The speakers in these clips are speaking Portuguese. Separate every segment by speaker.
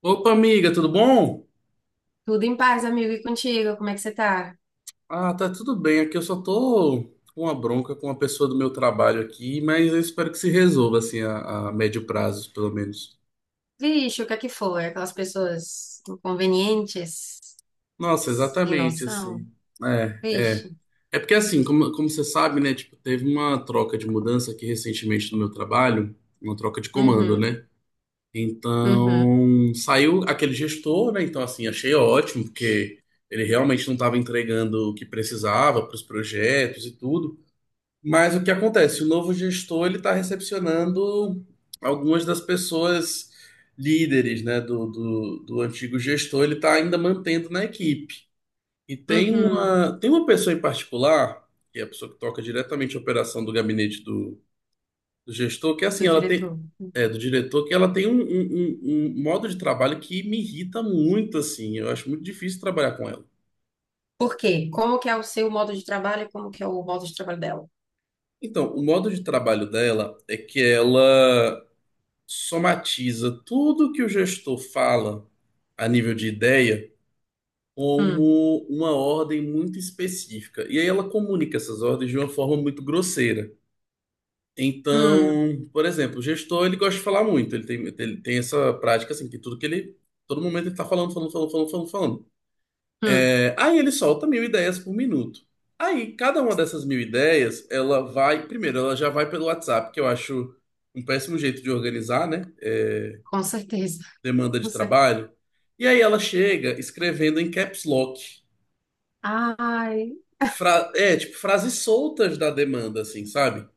Speaker 1: Opa, amiga, tudo bom?
Speaker 2: Tudo em paz, amigo. E contigo? Como é que você tá?
Speaker 1: Ah, tá tudo bem. Aqui eu só tô com uma bronca com uma pessoa do meu trabalho aqui, mas eu espero que se resolva, assim, a médio prazo, pelo menos.
Speaker 2: Vixe, o que é que foi? Aquelas pessoas inconvenientes,
Speaker 1: Nossa,
Speaker 2: sem
Speaker 1: exatamente,
Speaker 2: noção.
Speaker 1: assim. É,
Speaker 2: Vixe.
Speaker 1: é. É porque, assim, como você sabe, né, tipo, teve uma troca de mudança aqui recentemente no meu trabalho, uma troca de comando,
Speaker 2: Uhum,
Speaker 1: né?
Speaker 2: uhum,
Speaker 1: Então, saiu aquele gestor, né? Então, assim, achei ótimo, porque ele realmente não estava entregando o que precisava para os projetos e tudo. Mas o que acontece? O novo gestor ele está recepcionando algumas das pessoas líderes, né, do antigo gestor, ele está ainda mantendo na equipe. E tem
Speaker 2: uhum.
Speaker 1: uma, tem uma pessoa em particular, que é a pessoa que toca diretamente a operação do gabinete do gestor, que é
Speaker 2: Do
Speaker 1: assim, ela tem,
Speaker 2: diretor.
Speaker 1: é, do diretor, que ela tem um modo de trabalho que me irrita muito, assim, eu acho muito difícil trabalhar com ela.
Speaker 2: Por quê? Como que é o seu modo de trabalho e como que é o modo de trabalho dela?
Speaker 1: Então, o modo de trabalho dela é que ela somatiza tudo que o gestor fala a nível de ideia
Speaker 2: Hum,
Speaker 1: como uma ordem muito específica. E aí ela comunica essas ordens de uma forma muito grosseira.
Speaker 2: hum,
Speaker 1: Então, por exemplo, o gestor ele gosta de falar muito, ele tem essa prática assim, que tudo que ele. Todo momento ele tá falando, falando, falando, falando, falando, falando.
Speaker 2: hum.
Speaker 1: É, aí ele solta mil ideias por minuto. Aí, cada uma dessas mil ideias, ela vai. Primeiro, ela já vai pelo WhatsApp, que eu acho um péssimo jeito de organizar, né? É,
Speaker 2: Com certeza.
Speaker 1: demanda
Speaker 2: Com
Speaker 1: de
Speaker 2: certeza.
Speaker 1: trabalho. E aí ela chega escrevendo em caps lock.
Speaker 2: Ai.
Speaker 1: É, tipo, frases soltas da demanda, assim, sabe?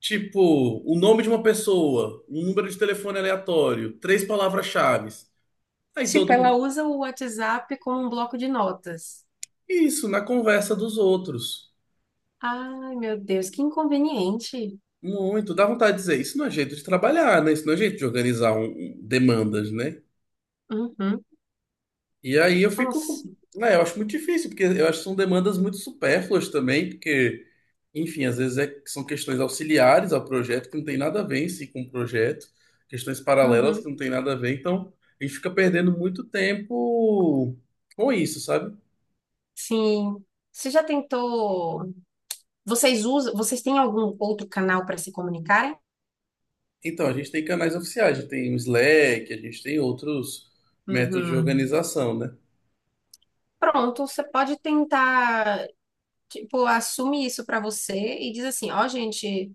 Speaker 1: Tipo, o nome de uma pessoa, um número de telefone aleatório, três palavras-chave. Aí todo
Speaker 2: Tipo, ela
Speaker 1: mundo.
Speaker 2: usa o WhatsApp como um bloco de notas.
Speaker 1: Isso, na conversa dos outros.
Speaker 2: Ai, meu Deus, que inconveniente.
Speaker 1: Muito. Dá vontade de dizer, isso não é jeito de trabalhar, né? Isso não é jeito de organizar demandas, né?
Speaker 2: Uhum.
Speaker 1: E aí eu
Speaker 2: Nossa.
Speaker 1: fico, né, eu acho muito difícil, porque eu acho que são demandas muito supérfluas também, porque, enfim, às vezes são questões auxiliares ao projeto que não tem nada a ver em si com o projeto, questões paralelas que
Speaker 2: Uhum.
Speaker 1: não tem nada a ver, então a gente fica perdendo muito tempo com isso, sabe?
Speaker 2: Sim. Você já tentou? Vocês usam? Vocês têm algum outro canal para se comunicarem?
Speaker 1: Então, a gente tem canais oficiais, a gente tem o Slack, a gente tem outros métodos de
Speaker 2: Uhum.
Speaker 1: organização, né?
Speaker 2: Pronto, você pode tentar, tipo, assume isso para você e diz assim, ó, gente,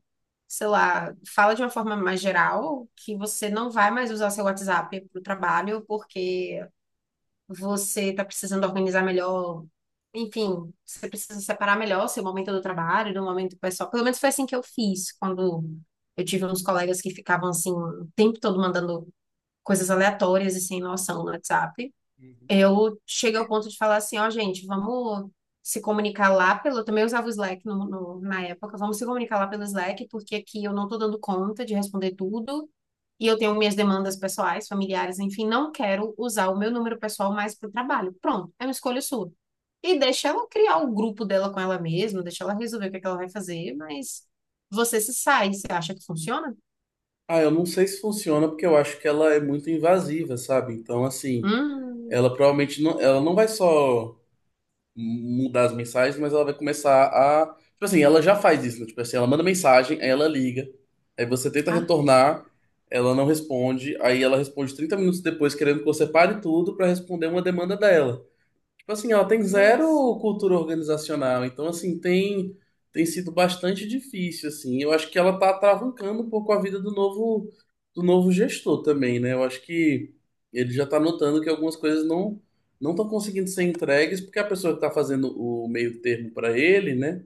Speaker 2: sei lá, fala de uma forma mais geral que você não vai mais usar seu WhatsApp para o trabalho porque você está precisando organizar melhor, enfim, você precisa separar melhor seu momento do trabalho do momento pessoal. Pelo menos foi assim que eu fiz, quando eu tive uns colegas que ficavam assim, o tempo todo mandando coisas aleatórias e sem noção no WhatsApp.
Speaker 1: Uhum.
Speaker 2: Eu chego ao ponto de falar assim, ó, gente, vamos se comunicar lá pelo. Eu também usava o Slack na época, vamos se comunicar lá pelo Slack, porque aqui eu não tô dando conta de responder tudo. E eu tenho minhas demandas pessoais, familiares, enfim, não quero usar o meu número pessoal mais para o trabalho. Pronto, é uma escolha sua. E deixa ela criar o grupo dela com ela mesma, deixa ela resolver o que é que ela vai fazer, mas você se sai, você acha que funciona?
Speaker 1: Ah, eu não sei se funciona porque eu acho que ela é muito invasiva, sabe? Então, assim,
Speaker 2: Hum,
Speaker 1: ela provavelmente não, ela não vai só. Mudar as mensagens, mas ela vai começar a. Tipo assim, ela já faz isso, né? Tipo assim, ela manda mensagem, aí ela liga, aí você tenta
Speaker 2: ah,
Speaker 1: retornar, ela não responde, aí ela responde 30 minutos depois, querendo que você pare tudo pra responder uma demanda dela. Tipo assim, ela tem zero
Speaker 2: nossa.
Speaker 1: cultura organizacional, então assim, tem sido bastante difícil assim. Eu acho que ela tá atravancando um pouco a vida do novo gestor também, né? Eu acho que ele já tá notando que algumas coisas não estão conseguindo ser entregues porque a pessoa que tá fazendo o meio termo para ele, né?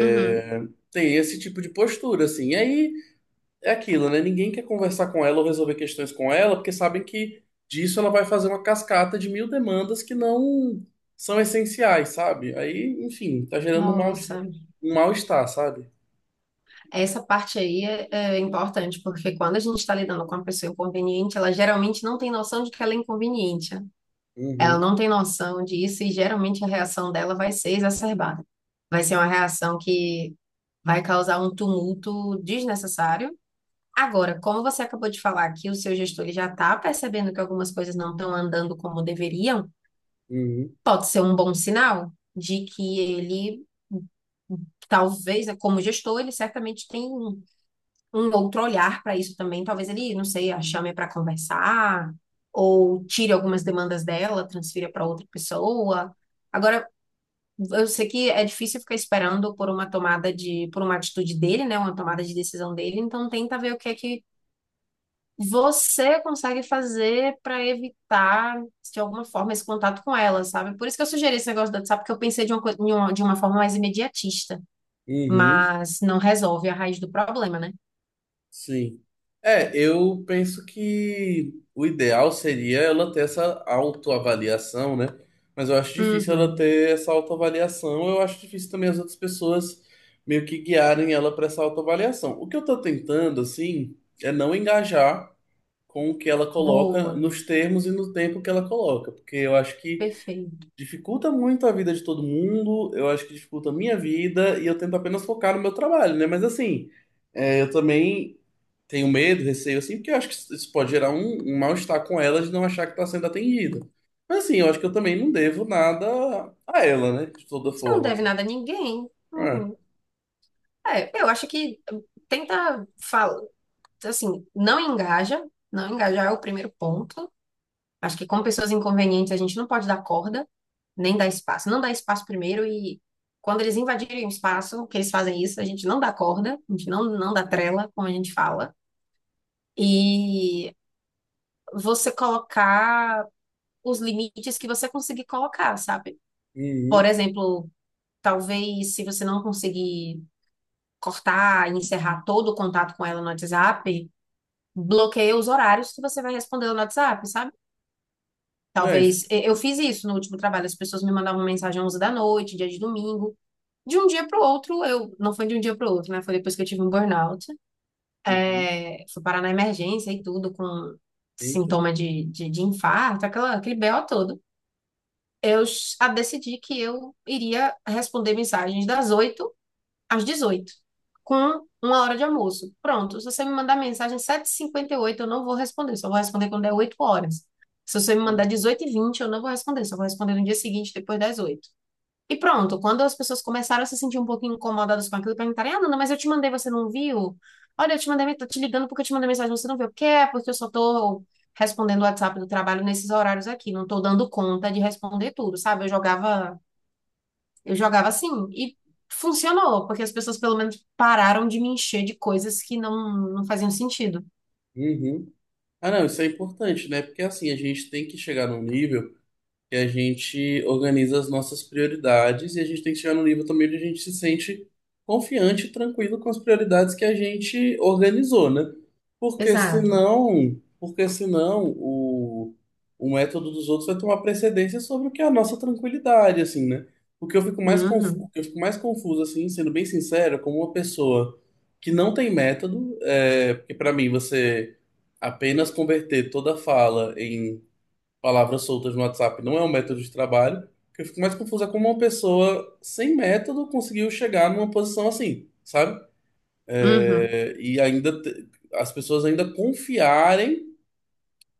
Speaker 2: Uhum,
Speaker 1: tem esse tipo de postura assim. E aí é aquilo, né? Ninguém quer conversar com ela ou resolver questões com ela, porque sabem que disso ela vai fazer uma cascata de mil demandas que não são essenciais, sabe? Aí, enfim, tá gerando
Speaker 2: nossa.
Speaker 1: um mal-estar, sabe?
Speaker 2: Essa parte aí é importante, porque quando a gente está lidando com uma pessoa inconveniente, ela geralmente não tem noção de que ela é inconveniente, né? Ela
Speaker 1: Uhum,
Speaker 2: não tem noção disso e geralmente a reação dela vai ser exacerbada. Vai ser uma reação que vai causar um tumulto desnecessário. Agora, como você acabou de falar que o seu gestor ele já está percebendo que algumas coisas não estão andando como deveriam,
Speaker 1: uhum,
Speaker 2: pode ser um bom sinal de que ele talvez, né, como gestor, ele certamente tem um outro olhar para isso também. Talvez ele, não sei, a chame para conversar, ou tire algumas demandas dela, transfira para outra pessoa. Agora, eu sei que é difícil ficar esperando por uma tomada de, por uma atitude dele, né? Uma tomada de decisão dele, então tenta ver o que é que você consegue fazer para evitar, de alguma forma, esse contato com ela, sabe? Por isso que eu sugeri esse negócio do WhatsApp, porque eu pensei de uma, coi- em uma- de uma forma mais imediatista,
Speaker 1: uhum.
Speaker 2: mas não resolve a raiz do problema, né?
Speaker 1: Sim. É, eu penso que o ideal seria ela ter essa autoavaliação, né? Mas eu acho difícil ela
Speaker 2: Uhum.
Speaker 1: ter essa autoavaliação. Eu acho difícil também as outras pessoas meio que guiarem ela para essa autoavaliação. O que eu tô tentando, assim, é não engajar com o que ela coloca
Speaker 2: Boa.
Speaker 1: nos termos e no tempo que ela coloca, porque eu acho que
Speaker 2: Perfeito.
Speaker 1: dificulta muito a vida de todo mundo, eu acho que dificulta a minha vida e eu tento apenas focar no meu trabalho, né? Mas assim, é, eu também tenho medo, receio, assim, porque eu acho que isso pode gerar um mal-estar com ela de não achar que está sendo atendida. Mas, assim, eu acho que eu também não devo nada a ela, né? De toda
Speaker 2: Você não
Speaker 1: forma,
Speaker 2: deve
Speaker 1: assim.
Speaker 2: nada a ninguém.
Speaker 1: É.
Speaker 2: Uhum. É, eu acho que tenta falar, assim, não engaja, não engajar é o primeiro ponto. Acho que com pessoas inconvenientes a gente não pode dar corda, nem dar espaço. Não dá espaço primeiro e quando eles invadirem o espaço, que eles fazem isso, a gente não dá corda, a gente não dá trela, como a gente fala. E você colocar os limites que você conseguir colocar, sabe? Por
Speaker 1: Uhum.
Speaker 2: exemplo, talvez se você não conseguir cortar e encerrar todo o contato com ela no WhatsApp, bloqueia os horários que você vai responder no WhatsApp, sabe?
Speaker 1: Não é
Speaker 2: Talvez
Speaker 1: isso.
Speaker 2: eu fiz isso no último trabalho, as pessoas me mandavam mensagem às 11 da noite, dia de domingo. De um dia para o outro, eu não foi de um dia para o outro, né? Foi depois que eu tive um burnout.
Speaker 1: Uhum.
Speaker 2: É, fui parar na emergência e tudo com
Speaker 1: Eita.
Speaker 2: sintoma de infarto, aquela, aquele BO todo. Decidi que eu iria responder mensagens das 8 às 18, com uma hora de almoço. Pronto, se você me mandar mensagem 7:58, eu não vou responder, só vou responder quando der 8 horas. Se você me mandar
Speaker 1: Uhum.
Speaker 2: dezoito h 20 eu não vou responder, só vou responder no dia seguinte, depois das 8. E pronto, quando as pessoas começaram a se sentir um pouquinho incomodadas com aquilo, perguntarem, ah, Nana, mas eu te mandei, você não viu? Olha, eu te mandei, tô te ligando porque eu te mandei mensagem, você não viu. Porque é, porque eu só tô respondendo o WhatsApp do trabalho nesses horários aqui, não tô dando conta de responder tudo, sabe? Eu jogava assim e funcionou, porque as pessoas pelo menos pararam de me encher de coisas que não faziam sentido.
Speaker 1: Uhum. Ah, não, isso é importante, né? Porque, assim, a gente tem que chegar num nível que a gente organiza as nossas prioridades e a gente tem que chegar num nível também onde a gente se sente confiante e tranquilo com as prioridades que a gente organizou, né? Porque
Speaker 2: Exato.
Speaker 1: senão, porque senão o método dos outros vai tomar precedência sobre o que é a nossa tranquilidade, assim, né? O que eu fico mais confuso, o
Speaker 2: Uhum,
Speaker 1: que eu fico mais confuso, assim, sendo bem sincero, é como uma pessoa que não tem método, é, porque para mim você apenas converter toda fala em palavras soltas no WhatsApp não é um método de trabalho. O que eu fico mais confuso é como uma pessoa sem método conseguiu chegar numa posição assim, sabe?
Speaker 2: uhum,
Speaker 1: É, e ainda as pessoas ainda confiarem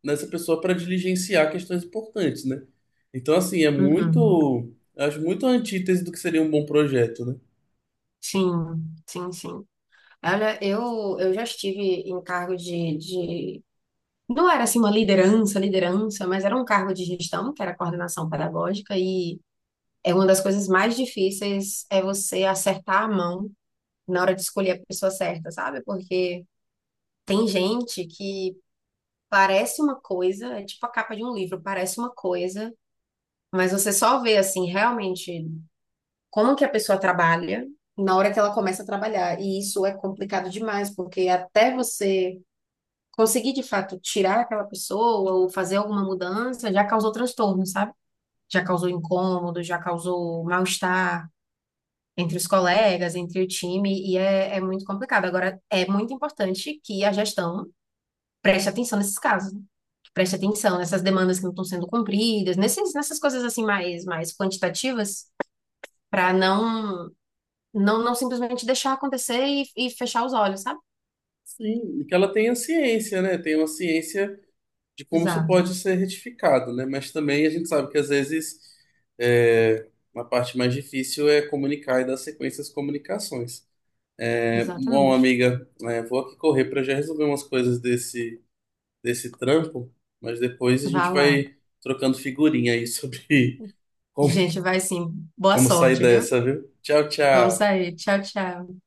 Speaker 1: nessa pessoa para diligenciar questões importantes, né? Então, assim, é
Speaker 2: uhum.
Speaker 1: muito. Eu acho muito a antítese do que seria um bom projeto, né?
Speaker 2: Sim, sim, sim. Olha, eu já estive em cargo de. Não era assim uma liderança, liderança, mas era um cargo de gestão, que era coordenação pedagógica, e é uma das coisas mais difíceis é você acertar a mão na hora de escolher a pessoa certa, sabe? Porque tem gente que parece uma coisa, é tipo a capa de um livro, parece uma coisa, mas você só vê assim realmente como que a pessoa trabalha na hora que ela começa a trabalhar. E isso é complicado demais, porque até você conseguir de fato tirar aquela pessoa ou fazer alguma mudança já causou transtorno, sabe? Já causou incômodo, já causou mal-estar. Entre os colegas, entre o time, e é muito complicado. Agora, é muito importante que a gestão preste atenção nesses casos, né? Preste atenção nessas demandas que não estão sendo cumpridas, nesses, nessas coisas assim mais quantitativas, para não simplesmente deixar acontecer e fechar os olhos, sabe?
Speaker 1: Sim, e que ela tenha ciência, né? Tem uma ciência de como isso
Speaker 2: Exato,
Speaker 1: pode ser retificado, né? Mas também a gente sabe que às vezes é, a parte mais difícil é comunicar e dar sequência às comunicações. É, bom,
Speaker 2: exatamente.
Speaker 1: amiga, é, vou aqui correr para já resolver umas coisas desse trampo, mas depois a gente
Speaker 2: Vá lá.
Speaker 1: vai trocando figurinha aí sobre como,
Speaker 2: Gente, vai sim. Boa
Speaker 1: como sair
Speaker 2: sorte, viu?
Speaker 1: dessa, viu? Tchau,
Speaker 2: Vamos
Speaker 1: tchau.
Speaker 2: sair. Tchau, tchau.